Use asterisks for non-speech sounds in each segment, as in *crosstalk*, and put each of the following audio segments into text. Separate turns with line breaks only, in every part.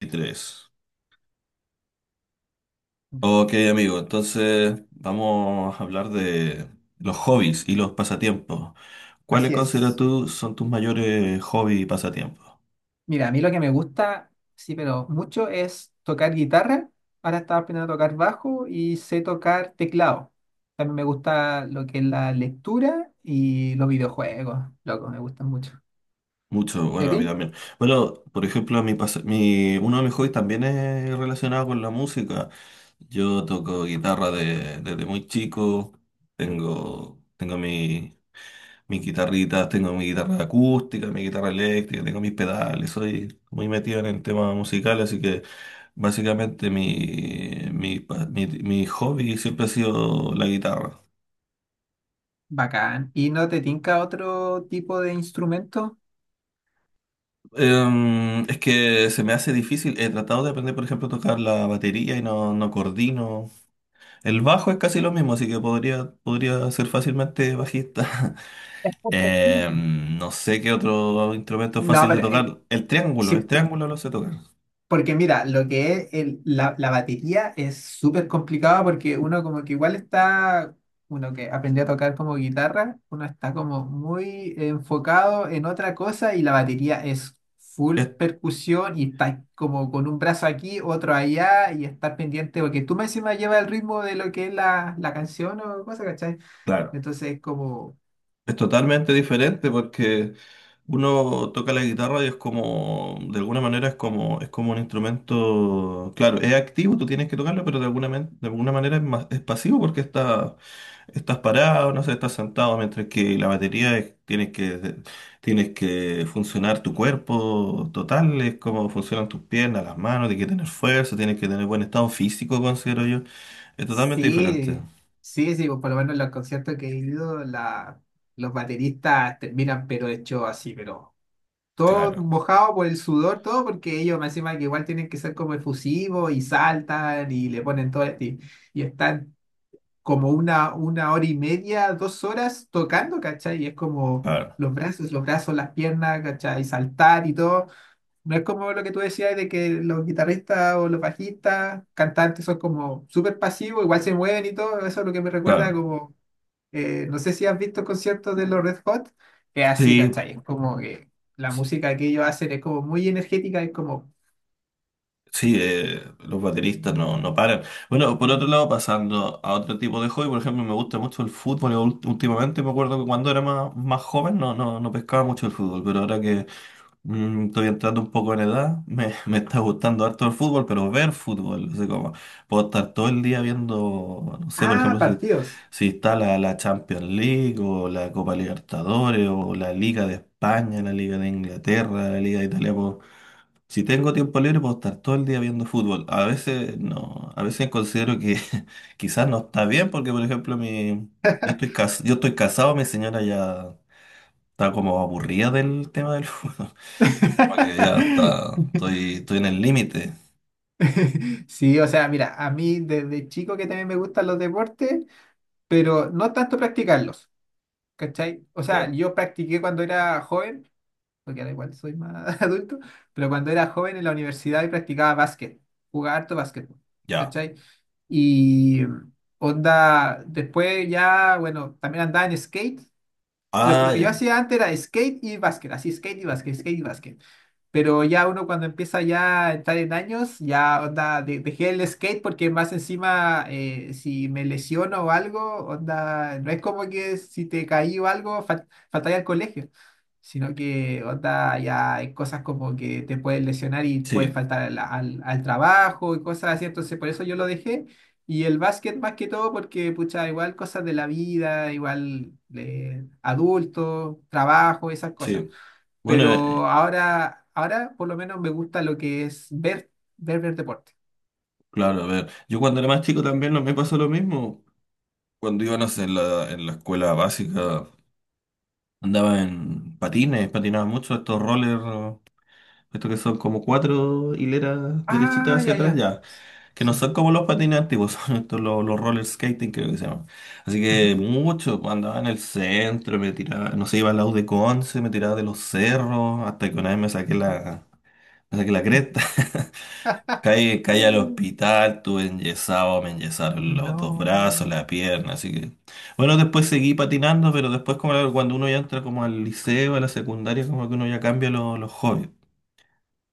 23. Ok, amigo, entonces vamos a hablar de los hobbies y los pasatiempos. ¿Cuáles
Así
consideras
es.
tú son tus mayores hobbies y pasatiempos?
Mira, a mí lo que me gusta, sí, pero mucho es tocar guitarra. Ahora estaba aprendiendo a tocar bajo y sé tocar teclado. También me gusta lo que es la lectura y los videojuegos. Loco, me gustan mucho.
Mucho,
¿Y
bueno,
a
a mí
ti?
también. Bueno, por ejemplo, uno de mis hobbies también es relacionado con la música. Yo toco guitarra desde muy chico. Tengo mis guitarritas, tengo mi guitarra acústica, mi guitarra eléctrica, tengo mis pedales. Soy muy metido en el tema musical, así que. Básicamente mi hobby siempre ha sido la guitarra.
Bacán. ¿Y no te tinca otro tipo de instrumento?
Es que se me hace difícil. He tratado de aprender, por ejemplo, a tocar la batería y no, no coordino. El bajo es casi lo mismo, así que podría ser fácilmente bajista. *laughs*
Sí.
No sé qué otro instrumento es
No,
fácil de
pero
tocar. El
sí,
triángulo lo sé tocar.
porque mira, lo que es la batería es súper complicado, porque uno como que igual está, uno que aprendió a tocar como guitarra, uno está como muy enfocado en otra cosa, y la batería es full
Es,
percusión y está como con un brazo aquí, otro allá, y estar pendiente porque tú me encima llevas el ritmo de lo que es la canción o cosa, ¿cachai?
claro.
Entonces es como
Es totalmente diferente porque uno toca la guitarra y es como, de alguna manera es como un instrumento, claro, es activo, tú tienes que tocarlo, pero de alguna manera es, más, es pasivo porque estás parado, no sé, estás sentado, mientras que la batería tienes que funcionar tu cuerpo total, es como funcionan tus piernas, las manos, tienes que tener fuerza, tienes que tener buen estado físico, considero yo. Es totalmente diferente.
sí, sí, sí, pues, por lo menos en los conciertos que he ido, la, los bateristas terminan pero hecho así, pero todo
Claro,
mojado por el sudor, todo, porque ellos me encima que igual tienen que ser como efusivos y saltan y le ponen todo, y están como una hora y media, dos horas tocando, ¿cachai? Y es como
claro,
los brazos, las piernas, ¿cachai? Y saltar y todo. No es como lo que tú decías de que los guitarristas o los bajistas, cantantes, son como súper pasivos, igual se mueven y todo. Eso es lo que me recuerda
claro.
como, no sé si has visto conciertos de los Red Hot, es así,
Sí.
¿cachai? Es como que la música que ellos hacen es como muy energética, es como
Sí, los bateristas no, no paran. Bueno, por otro lado, pasando a otro tipo de hobby, por ejemplo, me gusta mucho el fútbol. Últimamente me acuerdo que cuando era más joven no, no, no pescaba mucho el fútbol, pero ahora que estoy entrando un poco en edad, me, *laughs* me está gustando harto el fútbol, pero ver fútbol, no sé cómo. Puedo estar todo el día viendo, no sé, por
ah,
ejemplo, si,
partidos.
si está la Champions League o la Copa Libertadores o la Liga de España, la Liga de Inglaterra, la Liga de Italia. Si tengo tiempo libre, puedo estar todo el día viendo fútbol. A veces no, a veces considero que *laughs* quizás no está bien, porque por ejemplo, mi, yo estoy
*laughs*
cas- yo estoy casado, mi señora ya está como aburrida del tema del fútbol. *laughs* Como que ya está, estoy,
*laughs*
estoy en el límite.
Sí, o sea, mira, a mí desde chico que también me gustan los deportes, pero no tanto practicarlos, ¿cachai? O sea,
Claro.
yo practiqué cuando era joven, porque ahora igual soy más *laughs* adulto, pero cuando era joven en la universidad y practicaba básquet, jugaba harto básquetbol,
Ya.
¿cachai? Y onda, después ya, bueno, también andaba en skate. Lo
Ah,
que
ya.
yo hacía antes era skate y básquet, así skate y básquet, skate y básquet. Pero ya uno cuando empieza ya a entrar en años, ya onda, dejé el skate, porque más encima si me lesiono o algo, onda, no es como que si te caí o algo, faltaría al colegio, sino que onda, ya hay cosas como que te puedes lesionar y puedes
Sí,
faltar al trabajo y cosas así, entonces por eso yo lo dejé. Y el básquet más que todo porque, pucha, igual cosas de la vida, igual adulto, trabajo, esas cosas.
sí. Bueno,
Pero ahora, ahora por lo menos me gusta lo que es ver, ver, ver deporte.
claro, a ver. Yo cuando era más chico también no me pasó lo mismo. Cuando iba, no sé, en la escuela básica, andaba en patines, patinaba mucho estos rollers. Esto que son como cuatro hileras derechitas
Ah,
hacia
ya,
atrás,
ya.
ya. Que no
Sí.
son como los patines antiguos, *laughs* son estos los roller skating, creo que se llaman. Así que
Ujú,
mucho, cuando andaba en el centro, me tiraba, no sé, iba al lado de Conce, me tiraba de los cerros, hasta que una vez
ujú.
me saqué la cresta. *laughs*
*laughs*
Caí al hospital, tuve enyesado, me enyesaron los dos
No.
brazos, la pierna, así que... Bueno, después seguí patinando, pero después como claro, cuando uno ya entra como al liceo, a la secundaria, como que uno ya cambia los hobbies.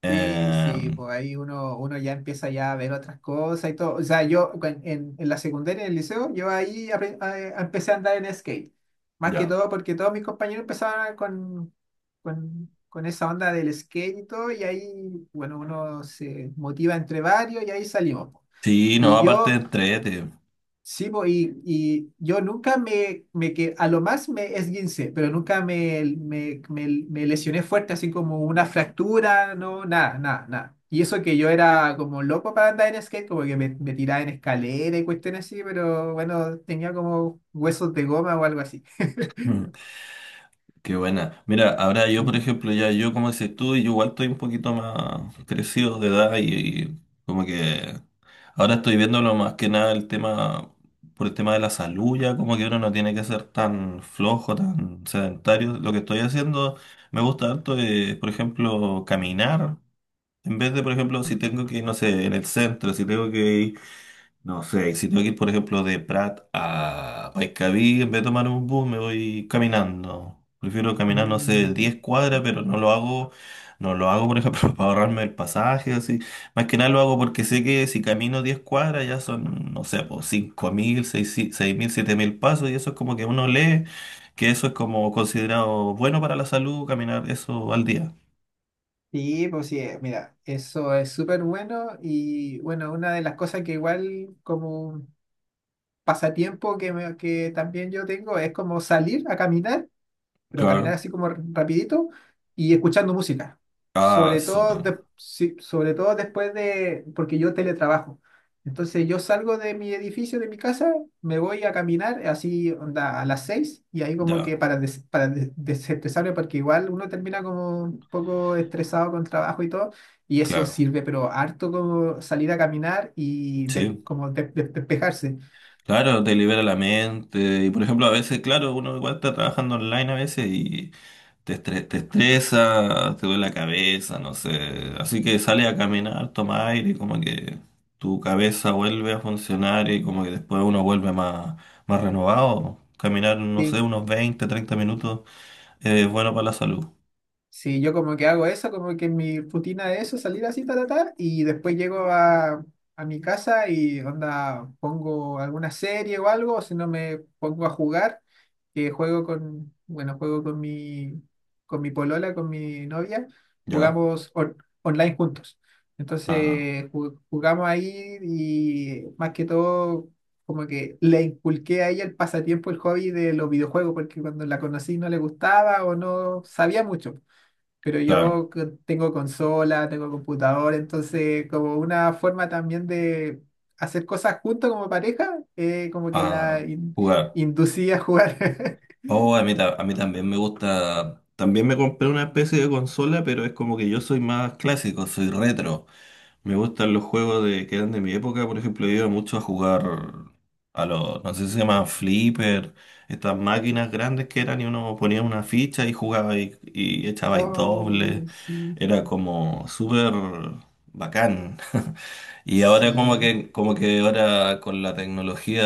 Sí, sí,
Em,
pues ahí uno, uno ya empieza ya a ver otras cosas y todo. O sea, en la secundaria, en el liceo, yo ahí empecé a andar en skate. Más que
Ya.
todo porque todos mis compañeros empezaban con esa onda del skate y todo, y ahí, bueno, uno se motiva entre varios y ahí salimos po.
Sí, no,
Y
aparte de
yo
entrete.
sí, po, y yo nunca me que a lo más me esguincé, pero nunca me lesioné fuerte, así como una fractura, no, nada, nada, nada. Y eso que yo era como loco para andar en skate, como que me tiraba en escalera y cuestiones así, pero bueno, tenía como huesos de goma o algo así. *laughs*
Mm, Qué buena. Mira, ahora yo, por
Sí.
ejemplo, ya yo, como dices tú, yo igual estoy un poquito más crecido de edad y como que ahora estoy viéndolo más que nada el tema, por el tema de la salud, ya como que uno no tiene que ser tan flojo, tan sedentario. Lo que estoy haciendo me gusta harto, por ejemplo, caminar. En vez de, por ejemplo, si tengo que ir, no sé, en el centro, si tengo que ir. No sé, y si tengo que ir, por ejemplo, de Prat a Paiscaví, en vez de tomar un bus, me voy caminando. Prefiero caminar, no sé,
Mm.
10 cuadras, pero no lo hago, por ejemplo, *laughs* para ahorrarme el pasaje, así. Más que nada lo hago porque sé que si camino 10 cuadras ya son, no sé, pues 5.000, 6.000 7.000 pasos, y eso es como que uno lee que eso es como considerado bueno para la salud, caminar eso al día.
Sí, pues sí, mira, eso es súper bueno, y bueno, una de las cosas que igual como pasatiempo que, que también yo tengo es como salir a caminar, pero caminar
Claro.
así como rapidito y escuchando música.
Ah,
Sobre todo,
súper.
sí, sobre todo después de, porque yo teletrabajo. Entonces yo salgo de mi edificio, de mi casa, me voy a caminar así onda, a las seis, y ahí como que
Ya,
para, para desestresarme, porque igual uno termina como un poco estresado con trabajo y todo, y eso
claro.
sirve pero harto como salir a caminar y
Sí.
como despejarse.
Claro, te libera la mente. Y por ejemplo, a veces, claro, uno igual está trabajando online a veces y te estresa, te duele la cabeza, no sé. Así que sales a caminar, toma aire, y como que tu cabeza vuelve a funcionar y como que después uno vuelve más renovado. Caminar, no sé,
Sí.
unos 20, 30 minutos es bueno para la salud.
Sí, yo como que hago eso, como que mi rutina de eso, salir así, tal, tal, y después llego a mi casa y onda, pongo alguna serie o algo, o si no me pongo a jugar, que juego con, bueno, juego con mi polola, con mi novia,
Ya.
jugamos online juntos.
Ah,
Entonces jugamos ahí, y más que todo como que le inculqué a ella el pasatiempo, el hobby de los videojuegos, porque cuando la conocí no le gustaba o no sabía mucho. Pero
claro.
yo tengo consola, tengo computador, entonces como una forma también de hacer cosas juntos como pareja, como que
Ah, jugar.
inducí a jugar. *laughs*
Oh, a mí también me gusta. También me compré una especie de consola, pero es como que yo soy más clásico, soy retro. Me gustan los juegos de, que eran de mi época, por ejemplo, yo iba mucho a jugar a los, no sé si se llaman flipper, estas máquinas grandes que eran y uno ponía una ficha y jugaba y echabais
Oh,
doble.
sí,
Era como súper bacán. *laughs* Y ahora como
sí,
que, como que ahora con la tecnología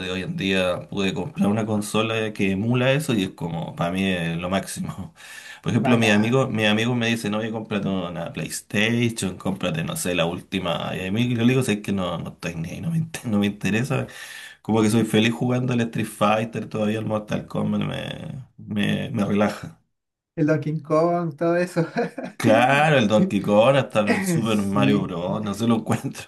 de hoy en día pude comprar una consola que emula eso y es como, para mí es lo máximo. Por ejemplo, mis amigos,
bacán.
mis amigos me dicen, oye, cómprate una PlayStation, cómprate, no sé, la última. Y a mí yo le digo, es que no, no estoy ni ahí, no me interesa. Como que soy feliz jugando al Street Fighter, todavía el Mortal Kombat me relaja.
El Donkey Kong, todo eso. *laughs*
Claro, el Donkey Kong hasta el Super Mario
Sí.
Bros. No se lo encuentro.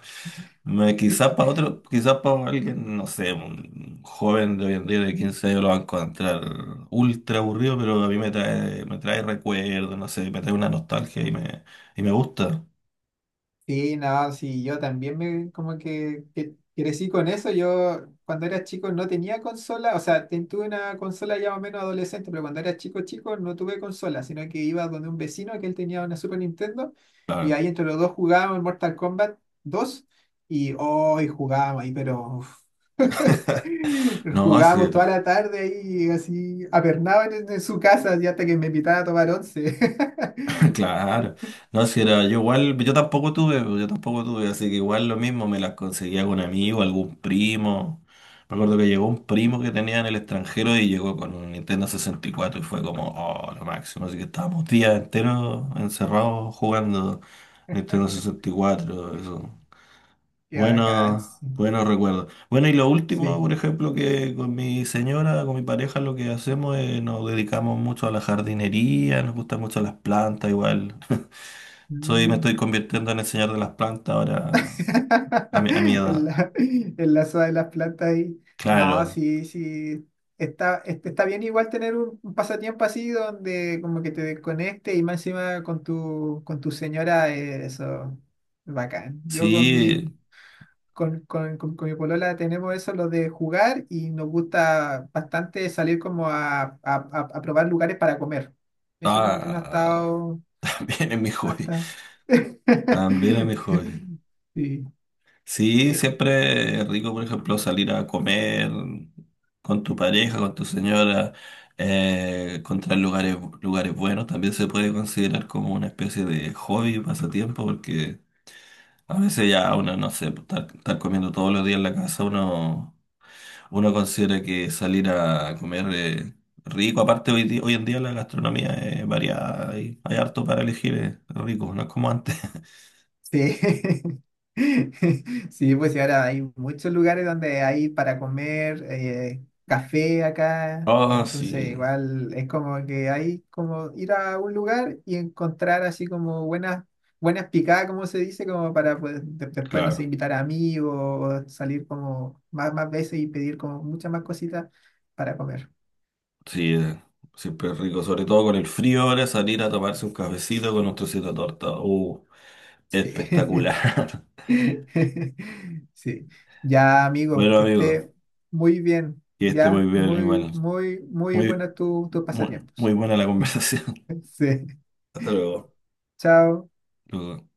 Quizás para otro, quizás para alguien, no sé, un joven de hoy en día de 15 años lo va a encontrar ultra aburrido, pero a mí me trae recuerdos, no sé, me trae una nostalgia y me gusta.
Sí, no, sí, yo también me como que crecí con eso. Yo cuando era chico no tenía consola, o sea, tuve una consola ya más o menos adolescente, pero cuando era chico chico no tuve consola, sino que iba donde un vecino que él tenía una Super Nintendo, y
Claro.
ahí entre los dos jugábamos Mortal Kombat dos, y hoy jugábamos ahí, pero uf, *laughs*
No, sí.
jugábamos toda la tarde ahí, así apernaban en su casa, y hasta que me invitaban a tomar once. *laughs*
*laughs* Claro, no, si era yo igual, yo tampoco tuve, pues, yo tampoco tuve, así que igual lo mismo me las conseguía con amigo, algún primo. Me acuerdo que llegó un primo que tenía en el extranjero y llegó con un Nintendo 64 y cuatro y fue como, oh, lo máximo. Así que estábamos días enteros encerrados jugando Nintendo 64, eso.
Qué bacán,
Bueno,
sí.
buenos recuerdos. Bueno, y lo último,
Sí.
por ejemplo, que con mi señora, con mi pareja, lo que hacemos es nos dedicamos mucho a la jardinería, nos gustan mucho las plantas, igual. *laughs* Me estoy
Mm.
convirtiendo en el señor de las plantas ahora, a mi
*laughs* El
edad.
la, en la de las plantas ahí. No,
Claro,
sí, sí. Está, está bien igual tener un pasatiempo así donde como que te desconecte, y más encima con tu señora, eso, bacán. Yo con mi,
sí.
con, con mi polola tenemos eso, lo de jugar, y nos gusta bastante salir como a, a probar lugares para comer. Eso como que no ha
Ah,
estado,
*laughs* también es mi
no ha
hobby.
estado.
También es mi hobby.
*laughs* Sí.
Sí,
Sí,
siempre es rico, por ejemplo, salir a comer con tu pareja, con tu señora, encontrar lugares, lugares buenos. También se puede considerar como una especie de hobby, pasatiempo, porque a veces ya uno, no sé, pues, estar comiendo todos los días en la casa, uno considera que salir a comer rico. Aparte, hoy en día la gastronomía es variada y hay harto para elegir, es rico, no es como antes. *laughs*
Sí. *laughs* Sí, pues y ahora hay muchos lugares donde hay para comer café acá,
Ah,
entonces
sí,
igual es como que hay como ir a un lugar y encontrar así como buenas buenas picadas, como se dice, como para pues, después, no sé,
claro.
invitar a amigos o salir como más, más veces y pedir como muchas más cositas para comer.
Sí, siempre es rico, sobre todo con el frío ahora, salir a tomarse un cafecito con un trocito de torta.
Sí. *laughs*
Espectacular. *laughs*
*laughs* Sí, ya amigo,
Bueno,
que
amigo,
esté muy bien,
que esté muy
ya
bien
muy,
igual.
muy, muy
Muy,
buena tu, tus
muy, muy
pasatiempos.
buena la conversación.
*laughs* Sí,
*laughs* Hasta luego.
chao.
Luego.